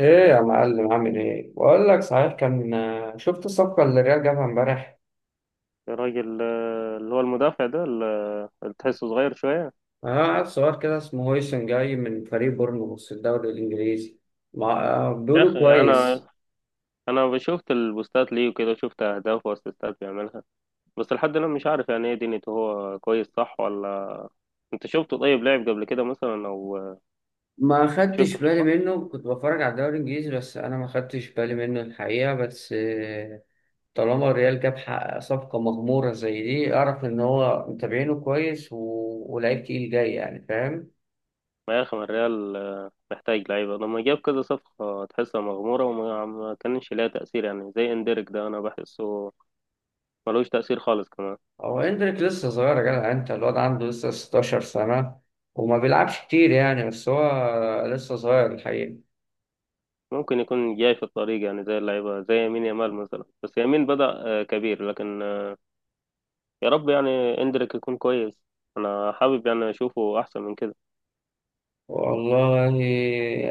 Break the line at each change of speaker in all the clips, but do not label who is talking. ايه، يا معلم، عامل ايه؟ بقول لك، صحيح كان شفت الصفقه اللي الريال جابها امبارح؟
الراجل، اللي هو المدافع ده اللي تحسه صغير شوية.
اه، عيل صغير كده، اسمه هويسن، جاي من فريق بورنموث في الدوري الانجليزي. ما آه،
يا
بيقولوا
أخي، أنا
كويس.
أنا شفت البوستات ليه وكده، شفت أهداف وأسيستات بيعملها. بس لحد الآن مش عارف يعني إيه دنيته، هو كويس صح ولا؟ أنت شفته؟ طيب لعب قبل كده مثلا، أو
ما خدتش
شفته في
بالي منه، كنت بتفرج على الدوري الانجليزي بس انا ما خدتش بالي منه الحقيقه، بس آه، طالما الريال جاب صفقه مغموره زي دي، اعرف ان هو متابعينه كويس، ولعيب تقيل جاي، يعني فاهم.
الريال؟ يا أخي، ما الريال محتاج لعيبة، لما جاب كذا صفقة تحسها مغمورة وما ما كانش ليها تأثير، يعني زي إندريك ده، أنا بحسه ملوش تأثير خالص كمان.
هو اندريك لسه صغير يا جدع، انت الواد عنده لسه 16 سنة وما بيلعبش كتير يعني، بس هو لسه صغير الحقيقة.
ممكن يكون جاي في الطريق يعني، زي اللعيبة، زي يمين يامال مثلا، بس يمين بدأ كبير، لكن يا رب يعني اندريك يكون كويس. انا حابب يعني اشوفه احسن من كده.
والله،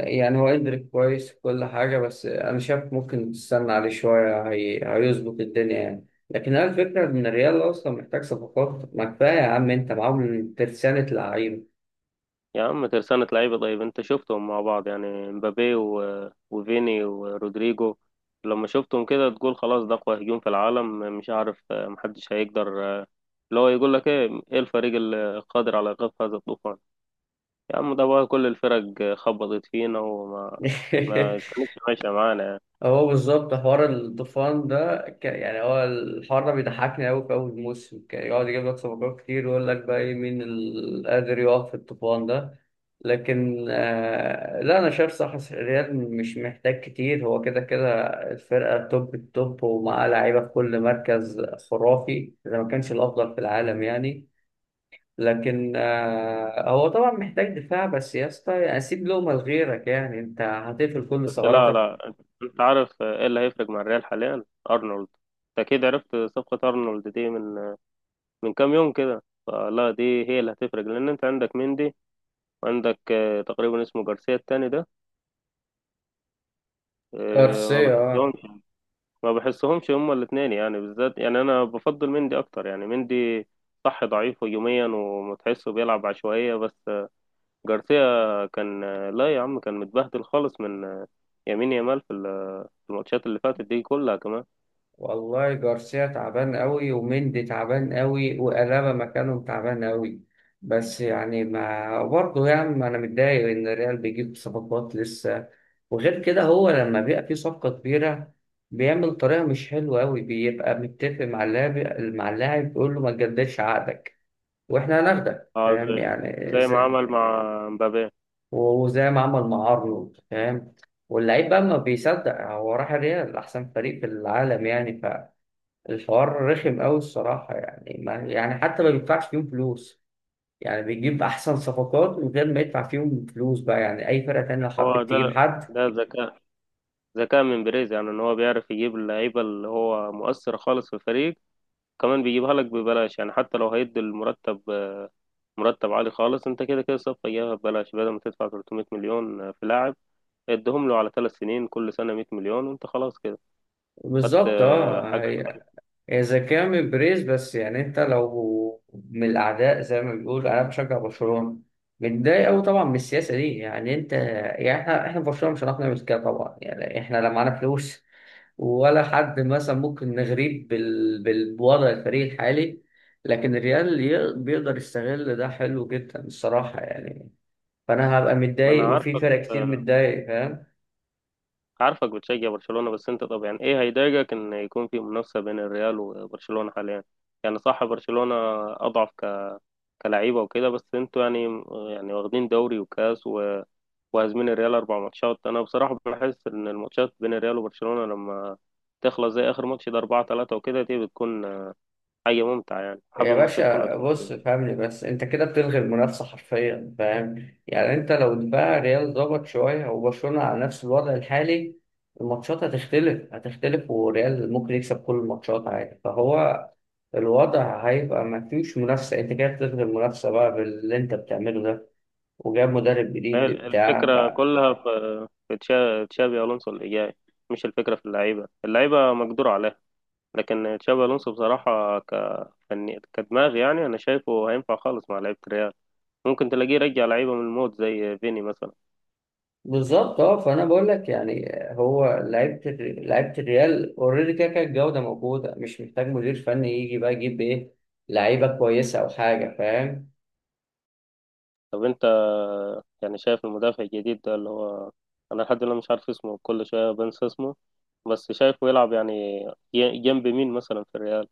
يعني هو اندريك كويس في كل حاجة، بس انا شايف ممكن تستنى عليه شوية، هيظبط الدنيا يعني. لكن هي الفكرة ان الريال اصلا محتاج صفقات، ما كفايه يا عم، انت معاهم ترسانة لعيبة.
يا عم، ترسانة لعيبة! طيب انت شفتهم مع بعض يعني، مبابي و... وفيني ورودريجو. لما شفتهم كده تقول خلاص، ده اقوى هجوم في العالم. مش عارف محدش هيقدر، اللي هو يقول لك ايه، ايه الفريق القادر على ايقاف هذا الطوفان؟ يا عم، ده بقى كل الفرق خبطت فينا وما ما كانتش ماشية معانا يعني.
هو بالظبط حوار الطوفان ده يعني، هو الحوار ده بيضحكني أوي، في أول موسم كان يقعد يجيب لك صفقات كتير ويقول لك بقى إيه؟ مين اللي قادر يقف في الطوفان ده؟ لكن لا، أنا شايف صح، الريال مش محتاج كتير، هو كده كده الفرقة توب التوب ومعاه لعيبة في كل مركز، خرافي، إذا ما كانش الأفضل في العالم يعني. لكن هو طبعا محتاج دفاع بس يا اسطى، يعني سيب لهم لغيرك يعني، أنت هتقفل كل
بس لا،
ثغراتك.
لا، انت عارف ايه اللي هيفرق مع الريال حاليا. ارنولد. أنت اكيد عرفت صفقة ارنولد دي من كام يوم كده، فلا دي هي اللي هتفرق، لان انت عندك مندي، وعندك تقريبا اسمه جارسيا التاني ده، آه، ما
كارسيا، اه.
بحسهمش ما بحسهمش هما الاثنين يعني، بالذات يعني انا بفضل مندي اكتر يعني. مندي صح ضعيف هجوميا وتحسه بيلعب عشوائية، بس جارسيا كان لا يا عم كان متبهدل خالص من يمين يامال في في الماتشات اللي فاتت دي كلها كمان.
والله، جارسيا تعبان قوي، ومندي تعبان قوي، وألابا مكانهم تعبان قوي. بس يعني، ما برضه يعني، ما انا متضايق ان الريال بيجيب صفقات لسه. وغير كده، هو لما بيبقى فيه صفقة كبيرة بيعمل طريقة مش حلوة قوي، بيبقى متفق مع اللاعب، بيقول له ما تجددش عقدك واحنا هناخدك،
اه،
فاهم
زي
يعني،
زي ما عمل مع مبابي.
وزي ما عمل مع ارنولد، فاهم؟ واللعيب بقى ما بيصدق، هو راح الريال، احسن فريق في العالم يعني. الحوار رخم قوي الصراحة يعني، ما يعني حتى ما بيدفعش فيهم فلوس، يعني بيجيب أحسن صفقات من غير ما يدفع فيهم فلوس بقى، يعني أي فرقة تانية لو
هو
حبت
ده.
تجيب حد.
ده ذكاء من بيريز يعني، ان هو بيعرف يجيب اللعيبه اللي هو مؤثر خالص في الفريق، كمان بيجيبها لك ببلاش يعني، حتى لو هيدي المرتب، مرتب عالي خالص. انت كده كده صفقه جايبها ببلاش، بدل ما تدفع 300 مليون في لاعب، ادهم له على 3 سنين، كل سنه 100 مليون، وانت خلاص كده خدت
بالظبط،
حاجه.
اه. إذا كان من بريز، بس يعني أنت لو من الأعداء، زي ما بيقول، أنا بشجع برشلونة، متضايق أوي طبعا من السياسة دي، يعني أنت يعني، إحنا في برشلونة مش هنعرف نعمل كده طبعا، يعني إحنا لا معانا فلوس ولا حد مثلا ممكن نغريب بوضع الفريق الحالي. لكن الريال بيقدر يستغل ده، حلو جدا الصراحة يعني. فأنا هبقى
ما انا
متضايق، وفي
عارفك
فرق كتير متضايق، فاهم.
عارفك بتشجع برشلونه. بس انت، طب يعني ايه هيضايقك ان يكون في منافسه بين الريال وبرشلونه حاليا؟ يعني صح، برشلونه اضعف كلعيبه وكده، بس انتوا يعني واخدين دوري وكاس و وهازمين الريال 4 ماتشات. انا بصراحه بحس ان الماتشات بين الريال وبرشلونه، لما تخلص زي اخر ماتش ده 4-3 وكده، دي بتكون حاجه ممتعه يعني. حابب
يا
الماتشات كلها
باشا
تكون
بص،
كده.
فهمني بس، انت كده بتلغي المنافسه حرفيا، فاهم يعني، انت لو بقى ريال ضغط شويه وبرشلونه على نفس الوضع الحالي، الماتشات هتختلف، هتختلف، وريال ممكن يكسب كل الماتشات عادي، فهو الوضع هيبقى ما فيش منافسه، انت كده بتلغي المنافسه بقى باللي انت بتعمله ده. وجاب مدرب
هي
جديد بتاع.
الفكره كلها في تشابي الونسو اللي جاي، مش الفكره في اللعيبه، اللعيبه مقدور عليها. لكن تشابي الونسو بصراحه، كدماغ يعني، انا شايفه هينفع خالص مع لعيبه الريال. ممكن تلاقيه يرجع لعيبه من الموت زي فيني مثلا.
بالظبط، اه، فانا بقول لك يعني، هو لعيبه الريال اوريدي كده كده الجوده موجوده، مش محتاج مدير فني يجي بقى يجيب ايه؟ لعيبه كويسه او حاجه، فاهم.
طب انت يعني، شايف المدافع الجديد ده، اللي هو انا لحد دلوقتي مش عارف اسمه، كل شويه بنسى اسمه، بس شايفه يلعب يعني جنب مين مثلا في الريال؟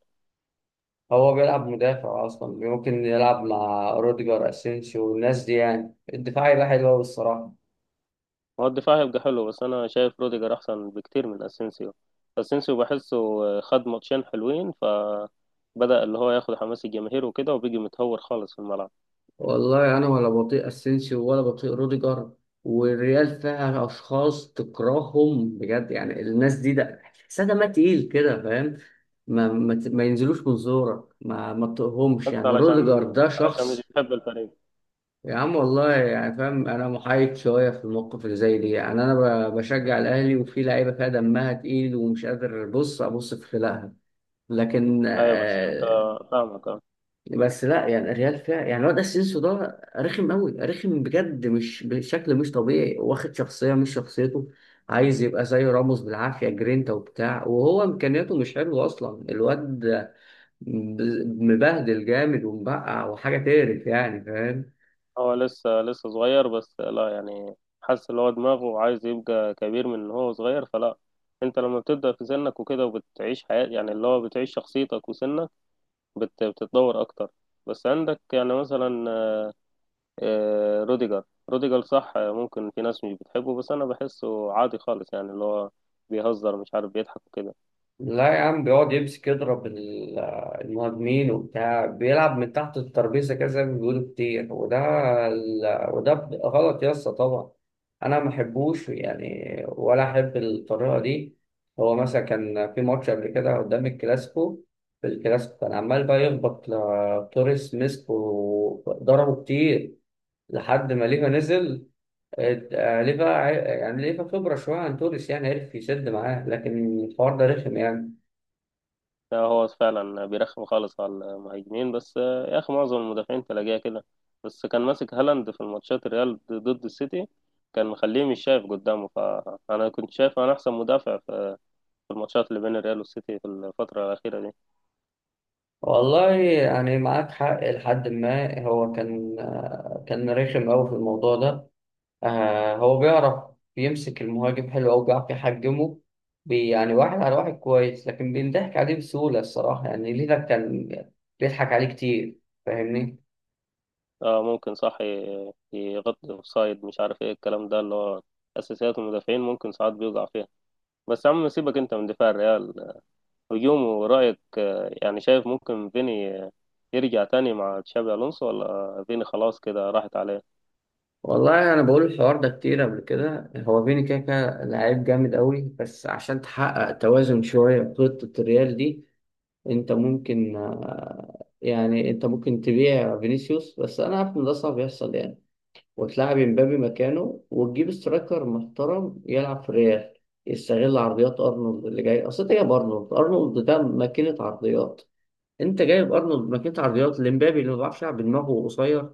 هو بيلعب مدافع اصلا، ممكن يلعب مع روديجر، اسينسيو، والناس دي، يعني الدفاع يبقى حلو قوي الصراحه.
هو الدفاع هيبقى حلو، بس انا شايف روديجر احسن بكتير من اسينسيو. اسينسيو بحسه خد ماتشين حلوين فبدأ اللي هو ياخد حماس الجماهير وكده، وبيجي متهور خالص في الملعب.
والله انا ولا بطيء اسينسيو ولا بطيء روديجر، والريال فيها اشخاص تكرههم بجد يعني، الناس دي ده تحسها دمها تقيل كده، فاهم؟ ما ينزلوش من زورك، ما تطقهمش
انت
يعني، روديجر
علشان
ده
علشان مش
شخص.
بتحب الفريق.
يا عم، والله يعني، فاهم، انا محايد شويه في الموقف اللي زي دي، يعني انا بشجع الاهلي، وفي لعيبه فيها دمها تقيل ومش قادر بص ابص في خلقها، لكن
ايوه، بس انت، فاهمك. أه.
بس لا، يعني الريال فيها يعني الواد اسينسيو ده رخم قوي، رخم بجد، مش بشكل مش طبيعي، واخد شخصيه مش شخصيته، عايز يبقى زي راموس بالعافيه، جرينتا وبتاع، وهو امكانياته مش حلوه اصلا، الواد مبهدل جامد ومبقع، وحاجه تقرف يعني، فاهم.
هو لسه صغير، بس لا يعني، حاسس ان هو دماغه عايز يبقى كبير من ان هو صغير، فلا. انت لما بتبدأ في سنك وكده، وبتعيش حياة يعني، اللي هو بتعيش شخصيتك وسنك بتتطور اكتر. بس عندك يعني مثلا روديجر، روديجر صح ممكن في ناس مش بتحبه، بس انا بحسه عادي خالص يعني، اللي هو بيهزر، مش عارف بيضحك وكده.
لا يا عم، بيقعد يمسك يضرب المهاجمين وبتاع، بيلعب من تحت الترابيزه كده زي ما بيقولوا كتير، وده غلط يا اسطى طبعا، انا ما احبوش يعني، ولا احب الطريقه دي. هو مثلا كان في ماتش قبل كده، قدام الكلاسيكو في الكلاسيكو، كان عمال بقى يخبط توريس، مسك وضربه كتير لحد ما ليفا نزل، يعني ليفا خبره شويه عن توريس، يعني عرف يسد معاه، لكن الحوار ده رخم يعني.
لا، هو فعلا بيرخم خالص على المهاجمين، بس يا اخي معظم المدافعين تلاقيها كده. بس كان ماسك هالاند في الماتشات الريال ضد السيتي، كان مخليه مش شايف قدامه. فانا كنت شايف انا احسن مدافع في الماتشات اللي بين الريال والسيتي في الفترة الأخيرة دي.
والله يعني، معاك حق، لحد ما هو كان كان رخم أوي في الموضوع ده. هو بيعرف، بيمسك المهاجم حلو أوي، بيعرف يحجمه، يعني واحد على واحد كويس، لكن بينضحك عليه بسهولة الصراحة يعني، ليلة كان بيضحك عليه كتير، فاهمني.
اه، ممكن صح يغطي اوفسايد، مش عارف ايه الكلام ده، اللي هو اساسيات المدافعين ممكن ساعات بيوقع فيها. بس يا عم سيبك انت من دفاع الريال. هجومه، رأيك يعني، شايف ممكن فيني يرجع تاني مع تشابي ألونسو، ولا فيني خلاص كده راحت عليه؟
والله أنا بقول الحوار ده كتير قبل كده، هو فيني كده كده لعيب جامد أوي، بس عشان تحقق توازن شوية في خطة الريال دي، انت ممكن تبيع فينيسيوس، بس انا عارف ان ده صعب يحصل يعني، وتلاعب امبابي مكانه، وتجيب سترايكر محترم يلعب في الريال، يستغل عرضيات ارنولد اللي جاي، اصل انت جايب ارنولد، ارنولد ده ماكينة عرضيات، انت جايب ارنولد ماكينة عرضيات لامبابي اللي ما بيعرفش يلعب بدماغه، قصير.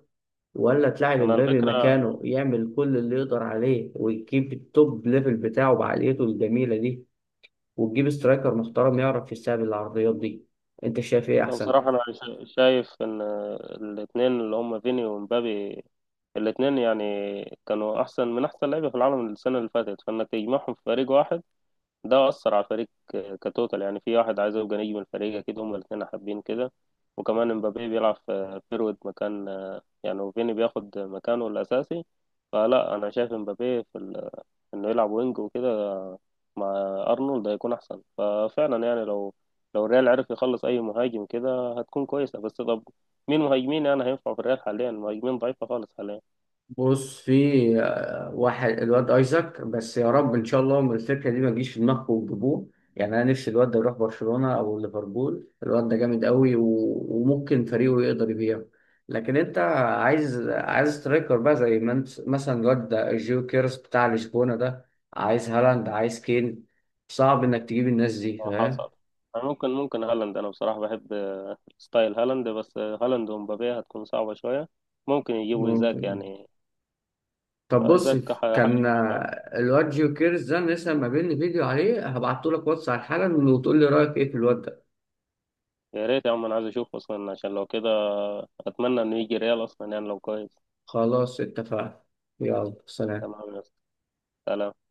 ولا تلاعب
أنا
امبابي
الفكرة،
مكانه يعمل كل اللي يقدر عليه، ويجيب التوب ليفل بتاعه بعقليته الجميلة دي، وتجيب سترايكر محترم يعرف يستقبل العرضيات دي. انت شايف ايه احسن؟
بصراحة أنا شايف إن الاتنين اللي هم فيني ومبابي، الاتنين يعني كانوا أحسن من أحسن لعيبة في العالم السنة اللي فاتت، فإنك تجمعهم في فريق واحد ده أثر على الفريق كتوتال يعني، في واحد عايز يبقى نجم الفريق، أكيد هما الاتنين حابين كده. وكمان امبابي بيلعب في فيرود مكان يعني، وفيني بياخد مكانه الأساسي. فلا، أنا شايف امبابي في إنه يلعب وينج وكده مع أرنولد هيكون أحسن. ففعلا يعني، لو الريال عرف يخلص أي مهاجم كده هتكون كويسة. بس طب، مين مهاجمين يعني هينفع في الريال حاليا؟ مهاجمين ضعيفة خالص حاليا.
بص، في واحد، الواد ايزاك، بس يا رب ان شاء الله من الفكره دي ما تجيش في دماغكم وتجيبوه، يعني انا نفسي الواد ده يروح برشلونه او ليفربول، الواد ده جامد قوي، وممكن فريقه يقدر يبيعه. لكن انت عايز سترايكر بقى، زي ما انت مثلا الواد ده جيو كيرس بتاع لشبونه ده، عايز هالاند، عايز كين، صعب انك تجيب الناس دي، فاهم.
حصل. أنا ممكن هالاند، أنا بصراحة بحب ستايل هالاند، بس هالاند ومبابي هتكون صعبة شوية. ممكن يجيبوا إيزاك
ممكن.
يعني.
طب بص،
إيزاك حاجة
كان
كويسة يعني.
الواد جيو كيرز ده لسه ما بيني فيديو عليه، هبعته لك واتس على حالا وتقول لي رايك ايه في الواد ده.
يا ريت يا عم، أنا عايز أشوفه أصلا، عشان لو كده أتمنى إنه يجي ريال أصلا يعني لو كويس.
خلاص، اتفقنا. يلا سلام.
تمام يا أسطى. سلام.